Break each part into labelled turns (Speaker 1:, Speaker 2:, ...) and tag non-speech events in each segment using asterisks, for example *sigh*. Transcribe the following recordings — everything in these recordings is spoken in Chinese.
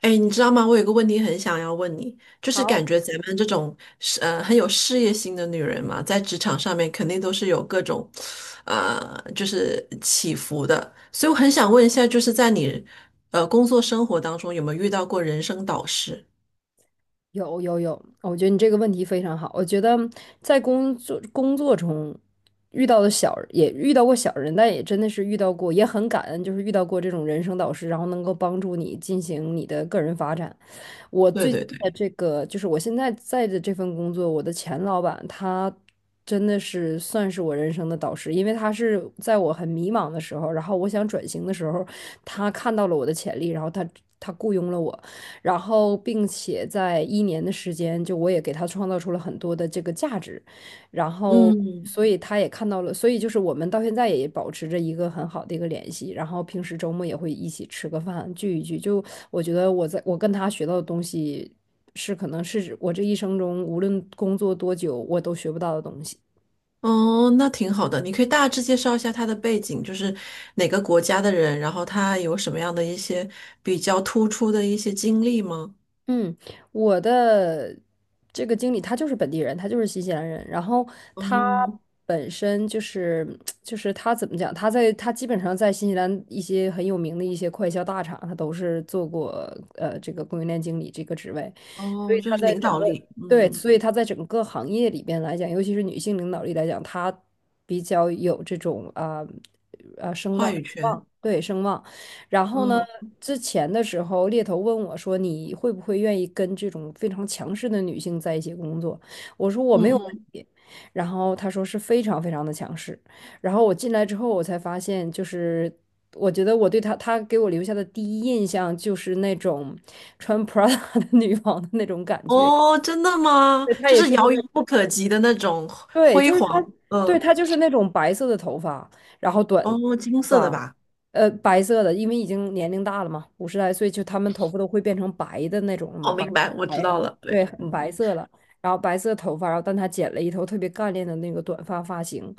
Speaker 1: 哎，你知道吗？我有个问题很想要问你，就是感
Speaker 2: 好，
Speaker 1: 觉咱们这种是很有事业心的女人嘛，在职场上面肯定都是有各种，就是起伏的。所以我很想问一下，就是在你工作生活当中，有没有遇到过人生导师？
Speaker 2: 有有有，我觉得你这个问题非常好。我觉得在工作中遇到的遇到过小人，但也真的是遇到过，也很感恩，就是遇到过这种人生导师，然后能够帮助你进行你的个人发展。我
Speaker 1: 对
Speaker 2: 最近
Speaker 1: 对
Speaker 2: 的
Speaker 1: 对，
Speaker 2: 这个，就是我现在在的这份工作，我的前老板他真的是算是我人生的导师，因为他是在我很迷茫的时候，然后我想转型的时候，他看到了我的潜力，然后他雇佣了我。然后并且在一年的时间，就我也给他创造出了很多的这个价值，然后
Speaker 1: 嗯，
Speaker 2: 所以他也看到了，所以就是我们到现在也保持着一个很好的一个联系，然后平时周末也会一起吃个饭，聚一聚，就我觉得我在我跟他学到的东西是可能是我这一生中无论工作多久我都学不到的东西。
Speaker 1: 哦，那挺好的。你可以大致介绍一下他的背景，就是哪个国家的人，然后他有什么样的一些比较突出的一些经历吗？
Speaker 2: 嗯，我的这个经理他就是本地人，他就是新西兰人，然后他
Speaker 1: 哦，
Speaker 2: 本身就是就是他怎么讲，他在他基本上在新西兰一些很有名的一些快销大厂，他都是做过这个供应链经理这个职位，所
Speaker 1: 哦，
Speaker 2: 以
Speaker 1: 就
Speaker 2: 他
Speaker 1: 是
Speaker 2: 在
Speaker 1: 领
Speaker 2: 整
Speaker 1: 导
Speaker 2: 个
Speaker 1: 力，
Speaker 2: 对，
Speaker 1: 嗯，
Speaker 2: 所以他在整个行业里边来讲，尤其是女性领导力来讲，他比较有这种声
Speaker 1: 话
Speaker 2: 望，
Speaker 1: 语权，
Speaker 2: 声望。然后呢，
Speaker 1: 嗯
Speaker 2: 之前的时候，猎头问我说：“你会不会愿意跟这种非常强势的女性在一起工作？”我说：“我
Speaker 1: 嗯
Speaker 2: 没有问
Speaker 1: 嗯，
Speaker 2: 题。”然后他说是非常非常的强势。然后我进来之后，我才发现，就是我觉得我对他，他给我留下的第一印象就是那种穿 Prada 的女王的那种感觉。
Speaker 1: 哦，真的吗？
Speaker 2: 对，他
Speaker 1: 就
Speaker 2: 也
Speaker 1: 是
Speaker 2: 是，就
Speaker 1: 遥遥
Speaker 2: 是
Speaker 1: 不可及的那种
Speaker 2: 对，
Speaker 1: 辉
Speaker 2: 就是他，
Speaker 1: 煌，
Speaker 2: 对，
Speaker 1: 嗯，
Speaker 2: 他就是那种白色的头发，然后短头
Speaker 1: 哦，金色的
Speaker 2: 发，
Speaker 1: 吧？
Speaker 2: 白色的，因为已经年龄大了嘛，五十来岁，就他们头发都会变成白的那种了嘛，
Speaker 1: 哦，
Speaker 2: 白
Speaker 1: 明白，我知
Speaker 2: 白的，
Speaker 1: 道了，对，
Speaker 2: 对，
Speaker 1: 嗯，
Speaker 2: 白色的，然后白色头发，然后但他剪了一头特别干练的那个短发发型，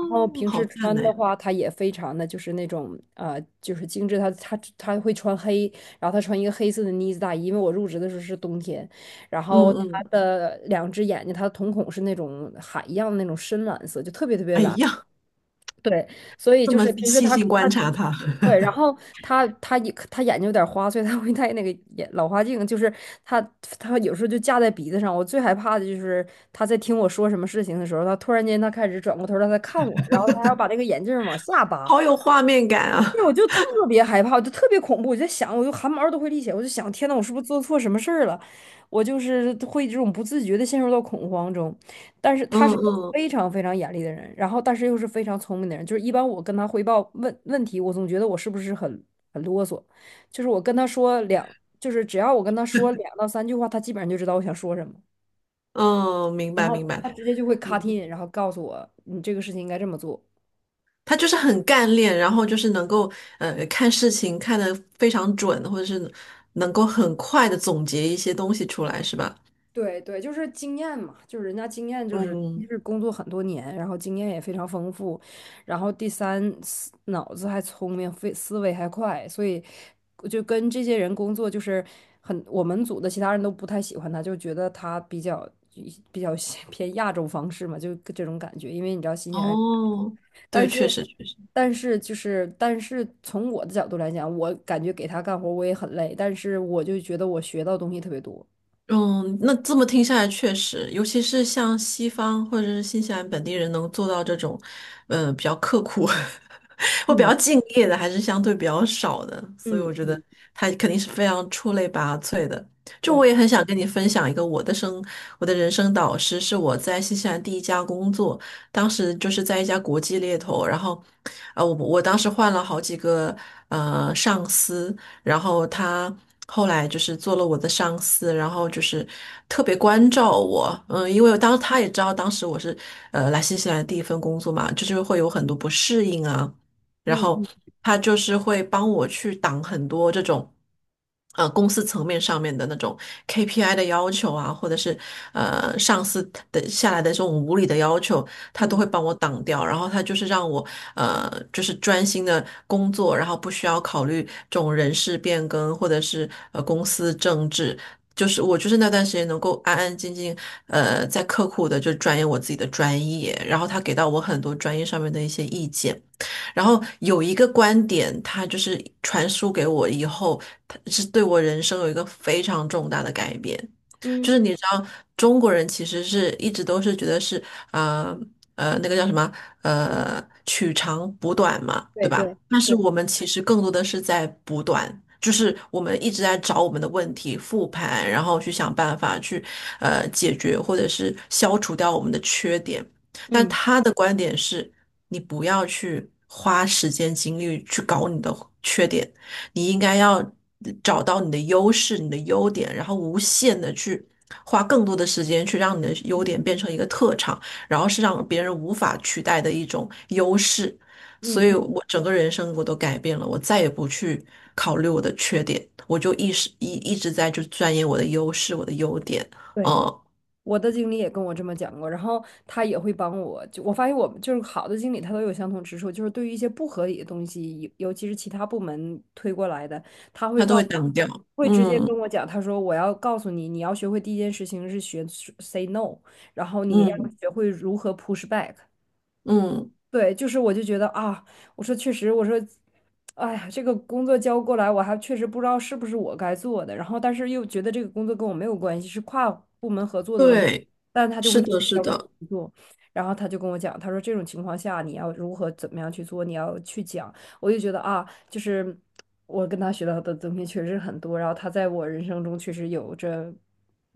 Speaker 2: 然后平时
Speaker 1: 好看
Speaker 2: 穿
Speaker 1: 呢，
Speaker 2: 的话，他也非常的就是那种就是精致，他会穿黑，然后他穿一个黑色的呢子大衣，因为我入职的时候是冬天，然
Speaker 1: 嗯
Speaker 2: 后他
Speaker 1: 嗯，
Speaker 2: 的两只眼睛，他的瞳孔是那种海一样的那种深蓝色，就特别特别
Speaker 1: 哎
Speaker 2: 蓝。
Speaker 1: 呀，
Speaker 2: 对，所以
Speaker 1: 这
Speaker 2: 就
Speaker 1: 么
Speaker 2: 是平时
Speaker 1: 细
Speaker 2: 他
Speaker 1: 心
Speaker 2: 他
Speaker 1: 观察它，
Speaker 2: 对，然
Speaker 1: *laughs*
Speaker 2: 后他眼睛有点花，所以他会戴那个眼老花镜，就是他他有时候就架在鼻子上。我最害怕的就是他在听我说什么事情的时候，他突然间他开始转过头儿来它看我，然后他还要把那个眼镜儿往下扒，
Speaker 1: 好有画面感啊，
Speaker 2: 那我就特别害怕，我就特别恐怖，我就在想，我就汗毛都会立起来，我就想，天呐，我是不是做错什么事儿了？我就是会这种不自觉的陷入到恐慌中。但是他
Speaker 1: 嗯
Speaker 2: 是一个
Speaker 1: 嗯
Speaker 2: 非常非常严厉的人，然后但是又是非常聪明的人，就是一般我跟他汇报问问题，我总觉得我是不是很啰嗦，就是我跟他说两，就是只要我跟他说两到三句话，他基本上就知道我想说什么，
Speaker 1: 嗯，明
Speaker 2: 然
Speaker 1: 白
Speaker 2: 后
Speaker 1: 明白，
Speaker 2: 他直接就会 cut
Speaker 1: 嗯。
Speaker 2: in，然后告诉我你这个事情应该这么做。
Speaker 1: 他就是很干练，然后就是能够看事情看得非常准，或者是能够很快的总结一些东西出来，是吧？
Speaker 2: 对对，就是经验嘛，就是人家经验就是一
Speaker 1: 嗯，
Speaker 2: 是工作很多年，然后经验也非常丰富，然后第三脑子还聪明，非思维还快，所以就跟这些人工作就是很，我们组的其他人都不太喜欢他，就觉得他比较 *laughs* 偏亚洲方式嘛，就这种感觉，因为你知道新西兰人，
Speaker 1: 哦，
Speaker 2: 但
Speaker 1: 对，确
Speaker 2: 是
Speaker 1: 实确实。
Speaker 2: 但是从我的角度来讲，我感觉给他干活我也很累，但是我就觉得我学到东西特别多，
Speaker 1: 嗯，那这么听下来，确实，尤其是像西方或者是新西兰本地人能做到这种，呃，比较刻苦 *laughs* 或比
Speaker 2: 嗯
Speaker 1: 较敬业的，还是相对比较少的。所以我
Speaker 2: 嗯。
Speaker 1: 觉得
Speaker 2: 嗯。
Speaker 1: 他肯定是非常出类拔萃的。就我
Speaker 2: 对。
Speaker 1: 也很想跟你分享一个我的生，我的人生导师是我在新西兰第一家工作，当时就是在一家国际猎头，然后，呃，我当时换了好几个上司。然后他后来就是做了我的上司，然后就是特别关照我，嗯，因为当他也知道当时我是来新西兰的第一份工作嘛，就是会有很多不适应啊。然
Speaker 2: 嗯
Speaker 1: 后
Speaker 2: 嗯
Speaker 1: 他就是会帮我去挡很多这种，呃，公司层面上面的那种 KPI 的要求啊，或者是上司的下来的这种无理的要求，他都
Speaker 2: 嗯
Speaker 1: 会帮我挡掉。然后他就是让我就是专心的工作，然后不需要考虑这种人事变更或者是公司政治。就是我就是那段时间能够安安静静，呃，在刻苦的就钻研我自己的专业，然后他给到我很多专业上面的一些意见。然后有一个观点，他就是传输给我以后，他是对我人生有一个非常重大的改变。就
Speaker 2: 嗯，
Speaker 1: 是你知道，中国人其实是一直都是觉得是呃那个叫什么取长补短嘛，对
Speaker 2: 对
Speaker 1: 吧？
Speaker 2: 对
Speaker 1: 但是
Speaker 2: 对，
Speaker 1: 我们其实更多的是在补短，就是我们一直在找我们的问题复盘，然后去想办法去解决或者是消除掉我们的缺点。但
Speaker 2: 嗯
Speaker 1: 他的观点是，你不要去花时间精力去搞你的缺点，你应该要找到你的优势、你的优点，然后无限的去花更多的时间去让你的优点变成一个特长，然后是让别人无法取代的一种优势。
Speaker 2: 嗯
Speaker 1: 所以
Speaker 2: 嗯，
Speaker 1: 我整个人生我都改变了，我再也不去考虑我的缺点，我就一直直在就钻研我的优势、我的优点，
Speaker 2: 对，
Speaker 1: 嗯，
Speaker 2: 我的经理也跟我这么讲过，然后他也会帮我，就我发现我们就是好的经理，他都有相同之处，就是对于一些不合理的东西，尤其是其他部门推过来的，他会
Speaker 1: 他都
Speaker 2: 告，
Speaker 1: 会挡掉，
Speaker 2: 会直接跟
Speaker 1: 嗯
Speaker 2: 我讲，他说我要告诉你，你要学会第一件事情是学 say no，然后你要
Speaker 1: 嗯。
Speaker 2: 学会如何 push back。
Speaker 1: 嗯
Speaker 2: 对，就是我就觉得啊，我说确实，我说，哎呀，这个工作交过来，我还确实不知道是不是我该做的，然后但是又觉得这个工作跟我没有关系，是跨部门合作的问题，
Speaker 1: 对，
Speaker 2: 但他就会
Speaker 1: 是
Speaker 2: 觉得
Speaker 1: 的，是
Speaker 2: 要为
Speaker 1: 的。
Speaker 2: 你做，然后他就跟我讲，他说这种情况下你要如何怎么样去做，你要去讲，我就觉得啊，就是我跟他学到的东西确实很多，然后他在我人生中确实有着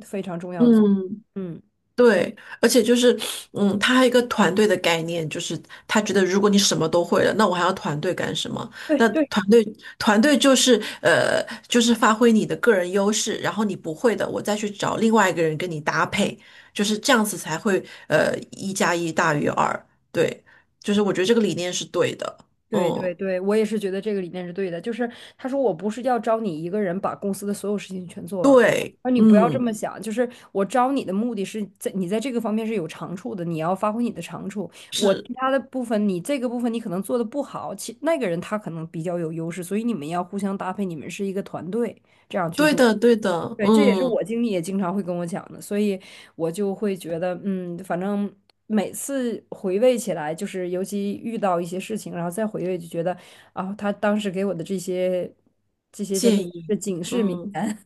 Speaker 2: 非常重要的作
Speaker 1: 嗯
Speaker 2: 用，嗯。
Speaker 1: 对，而且就是，嗯，他还有一个团队的概念，就是他觉得如果你什么都会了，那我还要团队干什么？
Speaker 2: 对
Speaker 1: 那
Speaker 2: 对。
Speaker 1: 团队团队就是呃，就是发挥你的个人优势，然后你不会的，我再去找另外一个人跟你搭配，就是这样子才会一加一大于二。对，就是我觉得这个理念是对的。
Speaker 2: 对对
Speaker 1: 嗯，
Speaker 2: 对，我也是觉得这个理念是对的。就是他说我不是要招你一个人把公司的所有事情全做完，
Speaker 1: 对，
Speaker 2: 而你不要这
Speaker 1: 嗯，
Speaker 2: 么想。就是我招你的目的是在你在这个方面是有长处的，你要发挥你的长处。我
Speaker 1: 是
Speaker 2: 其他的部分，你这个部分你可能做的不好，那个人他可能比较有优势，所以你们要互相搭配，你们是一个团队。这样去
Speaker 1: 对
Speaker 2: 做。
Speaker 1: 的，对的，
Speaker 2: 对，这也是
Speaker 1: 嗯，
Speaker 2: 我经理也经常会跟我讲的，所以我就会觉得，嗯，反正每次回味起来，就是尤其遇到一些事情，然后再回味，就觉得啊，他当时给我的这些真的
Speaker 1: 建
Speaker 2: 是
Speaker 1: 议，
Speaker 2: 警示名
Speaker 1: 嗯。
Speaker 2: 言，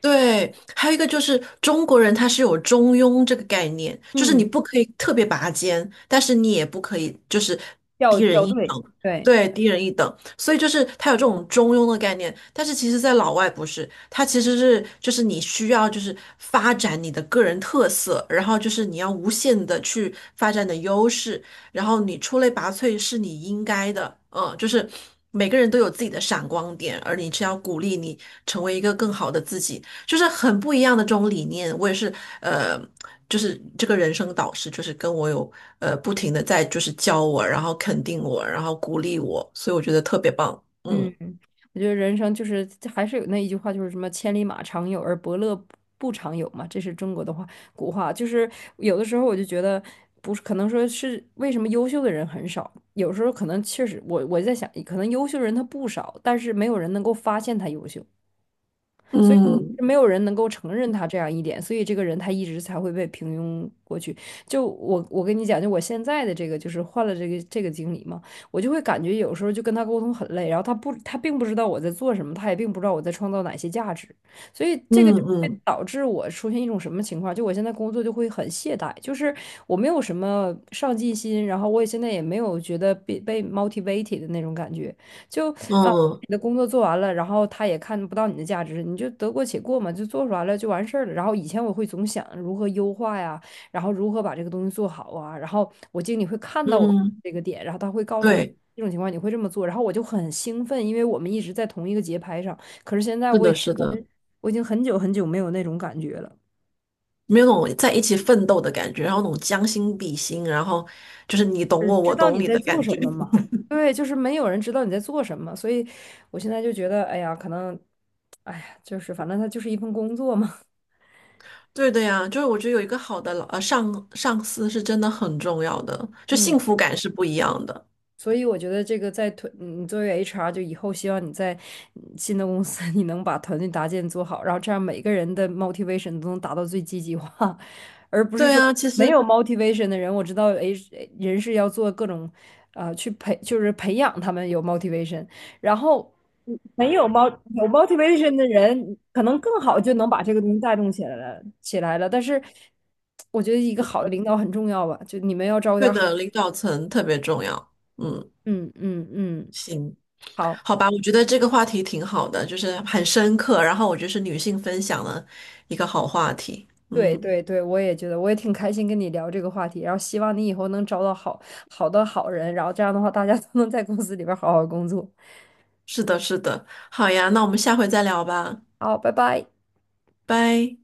Speaker 1: 对，还有一个就是中国人他是有中庸这个概念，
Speaker 2: *laughs*
Speaker 1: 就是你
Speaker 2: 嗯，
Speaker 1: 不可以特别拔尖，但是你也不可以就是
Speaker 2: 掉
Speaker 1: 低人
Speaker 2: 掉
Speaker 1: 一
Speaker 2: 队，
Speaker 1: 等，
Speaker 2: 对。
Speaker 1: 对，低人一等。所以就是他有这种中庸的概念，但是其实在老外不是，他其实是就是你需要就是发展你的个人特色，然后就是你要无限的去发展你的优势，然后你出类拔萃是你应该的，嗯，就是每个人都有自己的闪光点，而你是要鼓励你成为一个更好的自己。就是很不一样的这种理念。我也是，呃，就是这个人生导师，就是跟我有不停的在就是教我，然后肯定我，然后鼓励我，所以我觉得特别棒。
Speaker 2: 嗯，
Speaker 1: 嗯
Speaker 2: 我觉得人生就是还是有那一句话，就是什么“千里马常有，而伯乐不常有”嘛，这是中国的话古话。就是有的时候我就觉得，不是可能说是为什么优秀的人很少，有时候可能确实我在想，可能优秀人他不少，但是没有人能够发现他优秀。所以
Speaker 1: 嗯
Speaker 2: 没有人能够承认他这样一点，所以这个人他一直才会被平庸过去。就我跟你讲，就我现在的这个就是换了这个经理嘛，我就会感觉有时候就跟他沟通很累，然后他并不知道我在做什么，他也并不知道我在创造哪些价值，所以
Speaker 1: 嗯
Speaker 2: 这个就会
Speaker 1: 嗯
Speaker 2: 导致我出现一种什么情况？就我现在工作就会很懈怠，就是我没有什么上进心，然后我也现在也没有觉得被 motivated 的那种感觉。就啊，
Speaker 1: 嗯
Speaker 2: 你的工作做完了，然后他也看不到你的价值，你就得过且过嘛，就做出来了就完事儿了。然后以前我会总想如何优化呀，然后如何把这个东西做好啊，然后我经理会看到我
Speaker 1: 嗯，
Speaker 2: 这个点，然后他会告诉我
Speaker 1: 对，
Speaker 2: 这种情况你会这么做，然后我就很兴奋，因为我们一直在同一个节拍上。可是现在
Speaker 1: 是的，是的，
Speaker 2: 我已经很久很久没有那种感觉了，
Speaker 1: 没有那种在一起奋斗的感觉，然后那种将心比心，然后就是你懂
Speaker 2: 只
Speaker 1: 我，
Speaker 2: 知
Speaker 1: 我
Speaker 2: 道
Speaker 1: 懂
Speaker 2: 你
Speaker 1: 你
Speaker 2: 在
Speaker 1: 的
Speaker 2: 做
Speaker 1: 感
Speaker 2: 什
Speaker 1: 觉。
Speaker 2: 么嘛。
Speaker 1: *laughs*
Speaker 2: 对，就是没有人知道你在做什么，所以我现在就觉得，哎呀，可能，哎呀，就是反正它就是一份工作嘛。
Speaker 1: 对的呀，就是我觉得有一个好的上司是真的很重要的，就
Speaker 2: 嗯，
Speaker 1: 幸福感是不一样的。
Speaker 2: 所以我觉得这个嗯你作为 HR，就以后希望你在嗯新的公司，你能把团队搭建做好，然后这样每个人的 motivation 都能达到最积极化，*laughs* 而不是
Speaker 1: 对
Speaker 2: 说
Speaker 1: 啊，其
Speaker 2: 没有
Speaker 1: 实
Speaker 2: motivation 的人，我知道 H 人是要做各种，就是培养他们有 motivation，然后嗯没有 mo 有 motivation 的人，可能更好就能把这个东西带动起来了，但是我觉得一个好的领导很重要吧，就你们要招
Speaker 1: 对
Speaker 2: 点好，
Speaker 1: 的，领导层特别重要。嗯，
Speaker 2: 嗯嗯。
Speaker 1: 行，
Speaker 2: 好，
Speaker 1: 好吧，我觉得这个话题挺好的，就是很深刻，然后我觉得是女性分享的一个好话题。
Speaker 2: 对
Speaker 1: 嗯，
Speaker 2: 对对，我也觉得，我也挺开心跟你聊这个话题，然后希望你以后能找到好的好人，然后这样的话，大家都能在公司里边儿好好工作。
Speaker 1: 是的，是的，好呀，那我们下回再聊吧，
Speaker 2: 好，拜拜。
Speaker 1: 拜。